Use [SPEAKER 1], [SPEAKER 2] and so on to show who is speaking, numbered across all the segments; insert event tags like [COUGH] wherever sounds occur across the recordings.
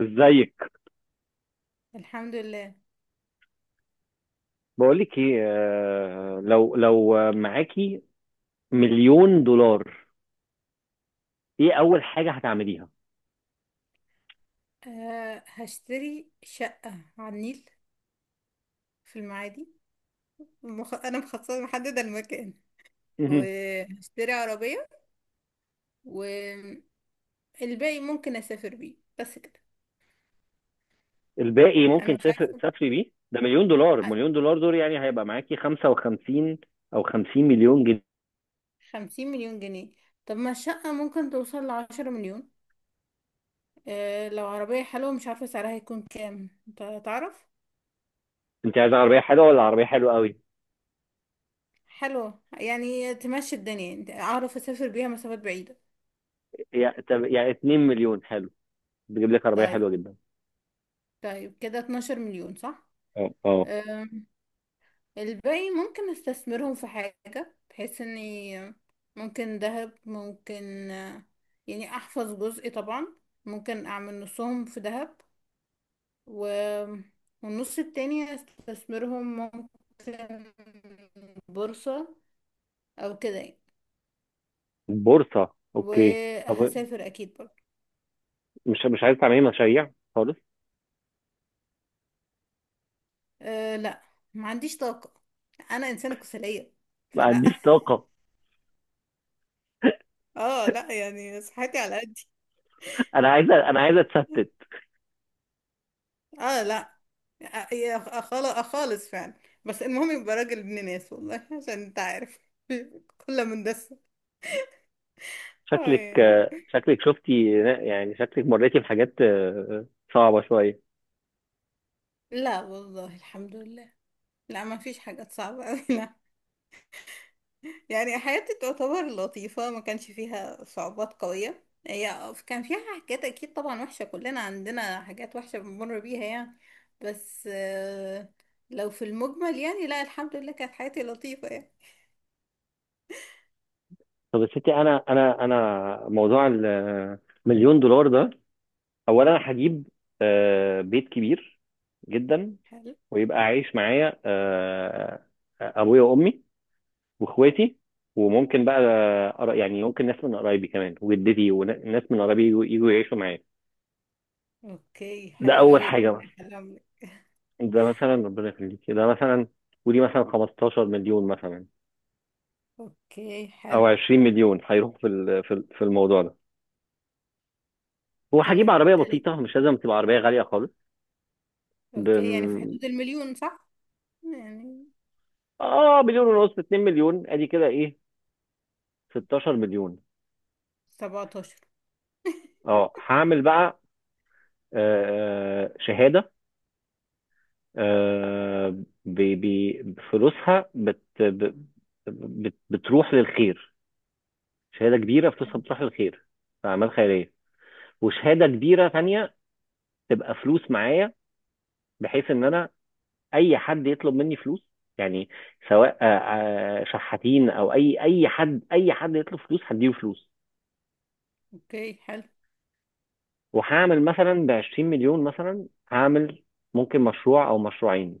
[SPEAKER 1] ازيك؟
[SPEAKER 2] الحمد لله.
[SPEAKER 1] بقولك ايه، لو معاكي مليون دولار، ايه اول حاجه هتعمليها؟
[SPEAKER 2] هشتري شقة على النيل في المعادي. أنا مخصصة محددة المكان،
[SPEAKER 1] مهم.
[SPEAKER 2] وهشتري عربية، والباقي ممكن أسافر بيه، بس كده.
[SPEAKER 1] الباقي
[SPEAKER 2] أنا
[SPEAKER 1] ممكن
[SPEAKER 2] مش
[SPEAKER 1] تسافر
[SPEAKER 2] عارفة.
[SPEAKER 1] تسافري بيه. ده مليون دولار،
[SPEAKER 2] ع-
[SPEAKER 1] مليون دولار دول يعني هيبقى معاكي 55 او 50 مليون جنيه.
[SPEAKER 2] خمسين مليون جنيه. طب ما الشقة ممكن توصل لعشرة مليون. أه لو عربية حلوة، مش عارفة سعرها هيكون كام، أنت تعرف.
[SPEAKER 1] انت عايزه عربيه حلوه ولا عربيه حلوه قوي؟
[SPEAKER 2] حلوة يعني تمشي الدنيا، أنت أعرف أسافر بيها مسافات بعيدة.
[SPEAKER 1] يعني طب، يعني 2 مليون حلو، بتجيب لك عربيه
[SPEAKER 2] طيب.
[SPEAKER 1] حلوه جدا.
[SPEAKER 2] طيب كده 12 مليون، صح؟
[SPEAKER 1] اه، اه.
[SPEAKER 2] الباقي ممكن استثمرهم في حاجة، بحيث اني ممكن ذهب، ممكن يعني احفظ جزء طبعا. ممكن اعمل نصهم في ذهب، و... والنص التاني استثمرهم، ممكن بورصة او كده يعني.
[SPEAKER 1] بورصه، اوكي، طب.
[SPEAKER 2] وهسافر اكيد برضه.
[SPEAKER 1] مش عايزه تعملي مشاريع خالص؟
[SPEAKER 2] أه لا، ما عنديش طاقة، انا انسانة كسلية،
[SPEAKER 1] ما
[SPEAKER 2] فلا.
[SPEAKER 1] عنديش
[SPEAKER 2] [LAUGHS]
[SPEAKER 1] طاقه.
[SPEAKER 2] اه لا، يعني صحتي على قدي.
[SPEAKER 1] [LAUGHS] انا عايزه اتستت.
[SPEAKER 2] اه لا، يا خالص خالص فعلا. بس المهم يبقى راجل ابن ناس، والله، عشان انت عارف. [LAUGHS] كلها مندسة. اه
[SPEAKER 1] شكلك
[SPEAKER 2] يعني.
[SPEAKER 1] شكلك شفتي. يعني شكلك مريتي بحاجات صعبة شوية.
[SPEAKER 2] لا والله، الحمد لله. لا، ما فيش حاجات صعبة أوي. [LAUGHS] لا، يعني حياتي تعتبر لطيفة، ما كانش فيها صعوبات قوية، هي كان فيها حاجات أكيد طبعا وحشة، كلنا عندنا حاجات وحشة بنمر بيها يعني. بس لو في المجمل يعني، لا الحمد لله، كانت حياتي لطيفة يعني.
[SPEAKER 1] طب يا ستي، أنا موضوع المليون دولار ده، أولا أنا هجيب بيت كبير جدا.
[SPEAKER 2] حلو.
[SPEAKER 1] ويبقى عايش معايا أبويا وأمي وإخواتي، وممكن بقى يعني ممكن ناس من قرايبي كمان، وجدتي وناس من قرايبي يجوا يعيشوا معايا.
[SPEAKER 2] اوكي،
[SPEAKER 1] ده
[SPEAKER 2] حلو
[SPEAKER 1] أول
[SPEAKER 2] قوي،
[SPEAKER 1] حاجة
[SPEAKER 2] ربنا
[SPEAKER 1] مثلا.
[SPEAKER 2] يخليهم لك.
[SPEAKER 1] ده مثلا ربنا يخليك، ده مثلا. ودي مثلا 15 مليون مثلا،
[SPEAKER 2] اوكي حلو.
[SPEAKER 1] او 20 مليون هيروح في الموضوع ده. هو هجيب
[SPEAKER 2] تمام
[SPEAKER 1] عربيه بسيطه،
[SPEAKER 2] تلاتة.
[SPEAKER 1] مش لازم تبقى عربيه غاليه خالص. ب...
[SPEAKER 2] اوكي، يعني في حدود المليون، صح؟ يعني
[SPEAKER 1] اه مليون ونص، 2 مليون، ادي كده ايه؟ 16 مليون.
[SPEAKER 2] 17. [LAUGHS]
[SPEAKER 1] اه هعمل بقى شهاده، آه فلوسها بتروح للخير. شهاده كبيره فلوسها بتروح للخير، في اعمال خيريه. وشهاده كبيره ثانيه تبقى فلوس معايا، بحيث ان انا اي حد يطلب مني فلوس، يعني سواء شحاتين او اي حد يطلب فلوس هديله فلوس.
[SPEAKER 2] اوكي حلو.
[SPEAKER 1] وهعمل مثلا ب 20 مليون، مثلا هعمل ممكن مشروع او مشروعين.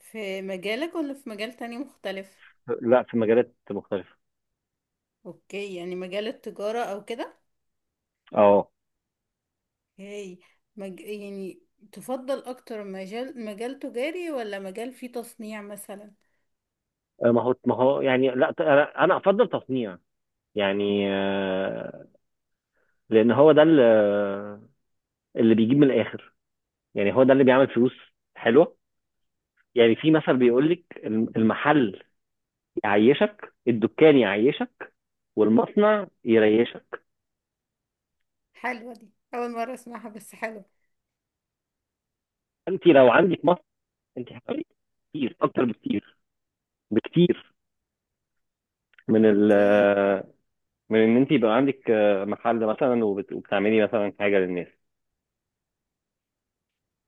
[SPEAKER 2] في مجالك ولا في مجال تاني مختلف؟
[SPEAKER 1] لا، في مجالات مختلفه.
[SPEAKER 2] اوكي يعني مجال التجارة او كده.
[SPEAKER 1] اه
[SPEAKER 2] اوكي. يعني تفضل اكتر مجال، مجال تجاري ولا مجال فيه تصنيع مثلا؟
[SPEAKER 1] ما هو يعني لا، أنا افضل تصنيع. يعني لان هو ده اللي بيجيب من الاخر. يعني هو ده اللي بيعمل فلوس حلوه. يعني في مثل بيقول لك، المحل يعيشك، الدكان يعيشك، والمصنع يريشك.
[SPEAKER 2] حلوة دي، اول مرة اسمعها، بس حلو.
[SPEAKER 1] انت لو عندك مصنع، انت هتعملي كتير، اكتر بكتير بكتير، من ال
[SPEAKER 2] اوكي.
[SPEAKER 1] من ان انت يبقى عندك محل مثلا وبتعملي مثلا حاجه للناس.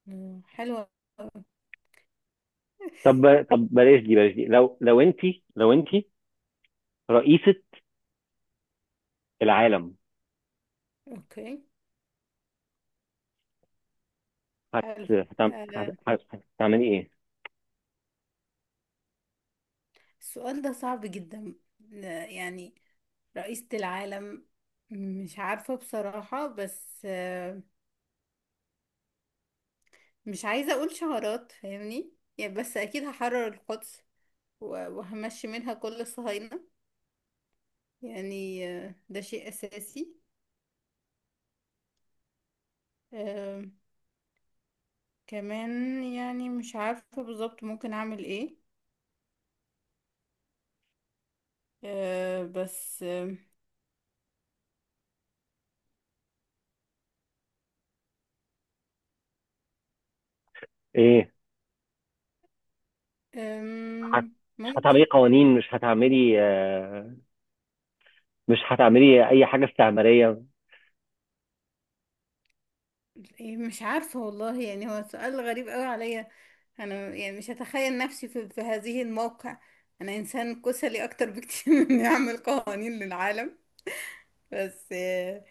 [SPEAKER 2] مم، حلوة.
[SPEAKER 1] طب، طب بلاش دي بلاش دي، لو انت رئيسه العالم،
[SPEAKER 2] اوكي
[SPEAKER 1] هت
[SPEAKER 2] حلو.
[SPEAKER 1] هتعم-
[SPEAKER 2] آه.
[SPEAKER 1] هت- هت- هتعملي ايه؟
[SPEAKER 2] السؤال ده صعب جدا. يعني رئيسة العالم، مش عارفة بصراحة، بس مش عايزة أقول شعارات، فاهمني يعني. بس أكيد هحرر القدس، وهمشي منها كل الصهاينة. يعني ده شيء أساسي. آه، كمان يعني مش عارفة بالظبط ممكن أعمل إيه. آه، بس آه،
[SPEAKER 1] ايه؟ هت-
[SPEAKER 2] آم،
[SPEAKER 1] مش هتعملي
[SPEAKER 2] ممكن
[SPEAKER 1] قوانين، مش هتعملي اي حاجه استعماريه؟
[SPEAKER 2] إيه، مش عارفة والله، يعني هو سؤال غريب قوي عليا. انا يعني مش هتخيل نفسي في هذه الموقع. انا انسان كسلي اكتر بكتير [LAUGHS] من اني اعمل قوانين للعالم. بس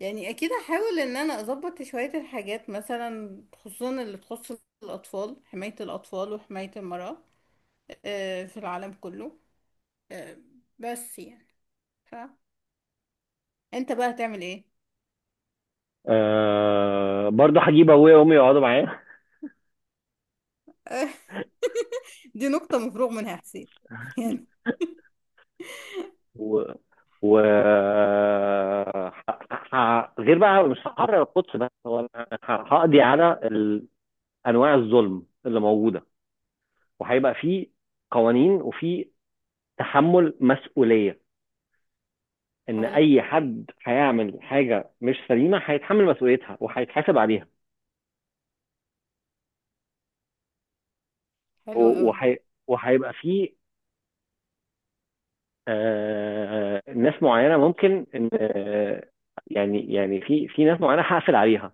[SPEAKER 2] يعني اكيد هحاول ان انا اظبط شوية الحاجات، مثلا خصوصا اللي تخص الاطفال، حماية الاطفال وحماية المرأة في العالم كله. آه، بس يعني، ف انت بقى هتعمل ايه؟
[SPEAKER 1] برضه هجيب ابويا وامي يقعدوا معايا.
[SPEAKER 2] [LAUGHS] دي نقطة مفروغ منها يا حسين. [LAUGHS] يعني.
[SPEAKER 1] و و غير بقى، مش هحرر القدس بس، هو أنا هقضي على انواع الظلم اللي موجوده. وهيبقى في قوانين، وفي تحمل مسؤوليه. ان
[SPEAKER 2] حلو.
[SPEAKER 1] اي حد هيعمل حاجه مش سليمه هيتحمل مسؤوليتها، وهيتحاسب عليها.
[SPEAKER 2] حلو
[SPEAKER 1] و-
[SPEAKER 2] قوي.
[SPEAKER 1] وهي- وهيبقى في ناس معينه ممكن ان يعني في ناس معينه هقفل عليها.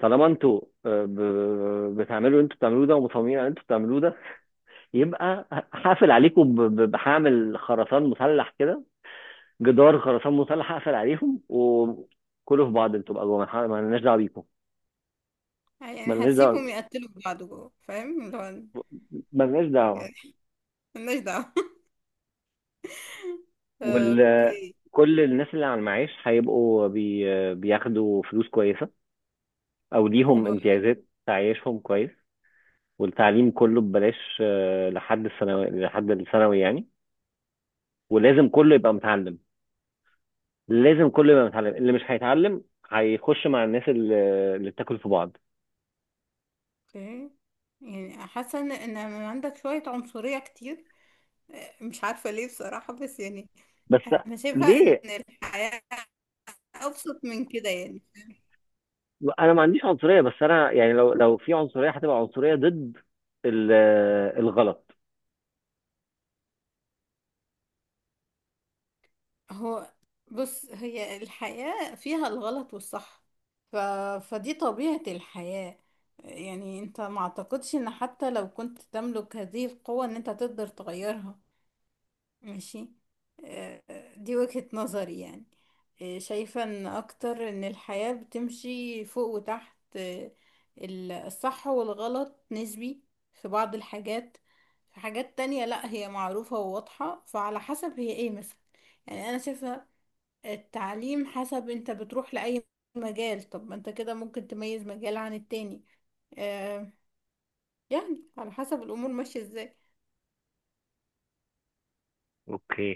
[SPEAKER 1] طالما انتوا بتعملوا انتوا بتعملوه ده، ومصممين على انتوا بتعملوه ده، يبقى هقفل عليكم، بهعمل خرسان مسلح كده. جدار خرسان مسلح هقفل عليهم وكلوا في بعض. انتوا بقى جوه، ما لناش دعوه بيكم. ما
[SPEAKER 2] يعني
[SPEAKER 1] لناش
[SPEAKER 2] هسيبهم
[SPEAKER 1] دعوه،
[SPEAKER 2] يقتلوا في بعض جوه، فاهم اللي هو
[SPEAKER 1] ما لناش دعوه.
[SPEAKER 2] يعني. [LAUGHS] مالناش دعوة.
[SPEAKER 1] وال
[SPEAKER 2] اوكي
[SPEAKER 1] كل الناس اللي على المعاش هيبقوا بياخدوا فلوس كويسه، او ليهم
[SPEAKER 2] حلو أوي.
[SPEAKER 1] امتيازات تعيشهم كويس. والتعليم كله ببلاش لحد الثانوي، لحد الثانوي يعني، ولازم كله يبقى متعلم. لازم كل ما يتعلم، اللي مش هيتعلم هيخش مع الناس اللي بتاكل في بعض.
[SPEAKER 2] اوكي. يعني حاسة ان إن عندك شوية عنصرية كتير، مش عارفة ليه بصراحة، بس يعني
[SPEAKER 1] بس
[SPEAKER 2] انا شايفة ان
[SPEAKER 1] ليه؟
[SPEAKER 2] الحياة ابسط من كده يعني.
[SPEAKER 1] انا ما عنديش عنصريه، بس انا يعني لو في عنصريه، هتبقى عنصريه ضد ال- الغلط.
[SPEAKER 2] هو بص، هي الحياة فيها الغلط والصح، ف... فدي طبيعة الحياة. يعني انت، ما اعتقدش ان حتى لو كنت تملك هذه القوة ان انت تقدر تغيرها. ماشي. آه، دي وجهة نظري يعني. شايفة ان اكتر ان الحياة بتمشي فوق وتحت. الصح والغلط نسبي في بعض الحاجات. في حاجات تانية لا، هي معروفة وواضحة، فعلى حسب هي ايه مثلا. يعني انا شايفة التعليم حسب انت بتروح لأي مجال، طب ما انت كده ممكن تميز مجال عن التاني. آه، يعني على حسب الامور ماشية ازاي.
[SPEAKER 1] اوكي،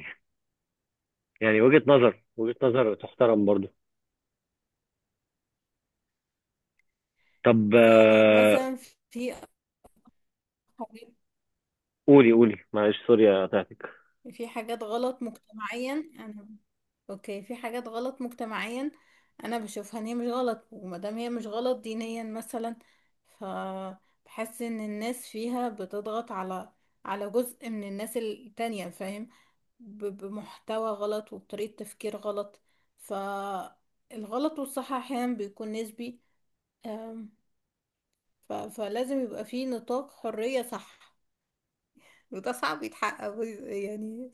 [SPEAKER 1] يعني وجهة نظر، وجهة نظر تحترم برضو. طب،
[SPEAKER 2] يعني مثلا، في
[SPEAKER 1] قولي قولي، معلش سوري قطعتك.
[SPEAKER 2] في حاجات غلط مجتمعيا، انا اوكي في حاجات غلط مجتمعيا انا بشوفها ان هي مش غلط، ومادام هي مش غلط دينيا مثلا، ف بحس ان الناس فيها بتضغط على جزء من الناس التانية، فاهم؟ بمحتوى غلط وبطريقة تفكير غلط. فالغلط والصح احيانا بيكون نسبي. أم، فلازم يبقى في نطاق حرية، صح؟ وده صعب يتحقق يعني.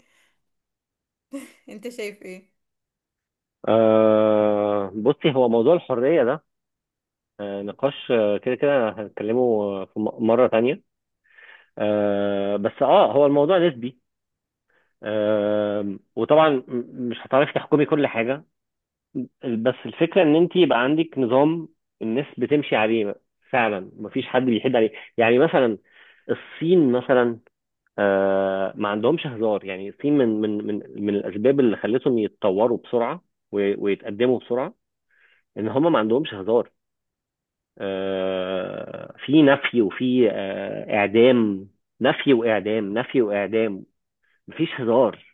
[SPEAKER 2] انت شايف ايه؟
[SPEAKER 1] بصي، هو موضوع الحرية ده نقاش، كده كده هنتكلمه في مرة تانية. بس هو الموضوع نسبي. وطبعا مش هتعرفي تحكمي كل حاجه. بس الفكره ان انت يبقى عندك نظام الناس بتمشي عليه، فعلا مفيش حد بيحد عليه. يعني مثلا، الصين مثلا ما عندهمش هزار. يعني الصين من الاسباب اللي خلتهم يتطوروا بسرعه، ويتقدموا بسرعه، ان هم ما عندهمش هزار. في نفي، وفي اعدام. نفي واعدام، نفي واعدام. مفيش هزار.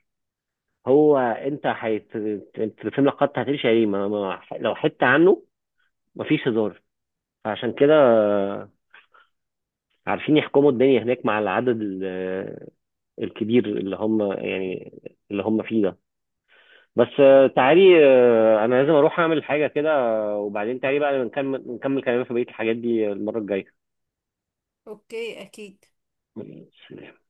[SPEAKER 1] هو انت انت الفيلم لو قطع هتمشي عليه، ما... ما... لو حتة عنه. مفيش هزار. فعشان كده عارفين يحكموا الدنيا هناك، مع العدد الكبير اللي هم يعني اللي هم فيه ده. بس تعالي، انا لازم اروح اعمل حاجة كده، وبعدين تعالي بقى نكمل كلامنا في بقية الحاجات دي المرة
[SPEAKER 2] اوكي اكيد.
[SPEAKER 1] الجاية.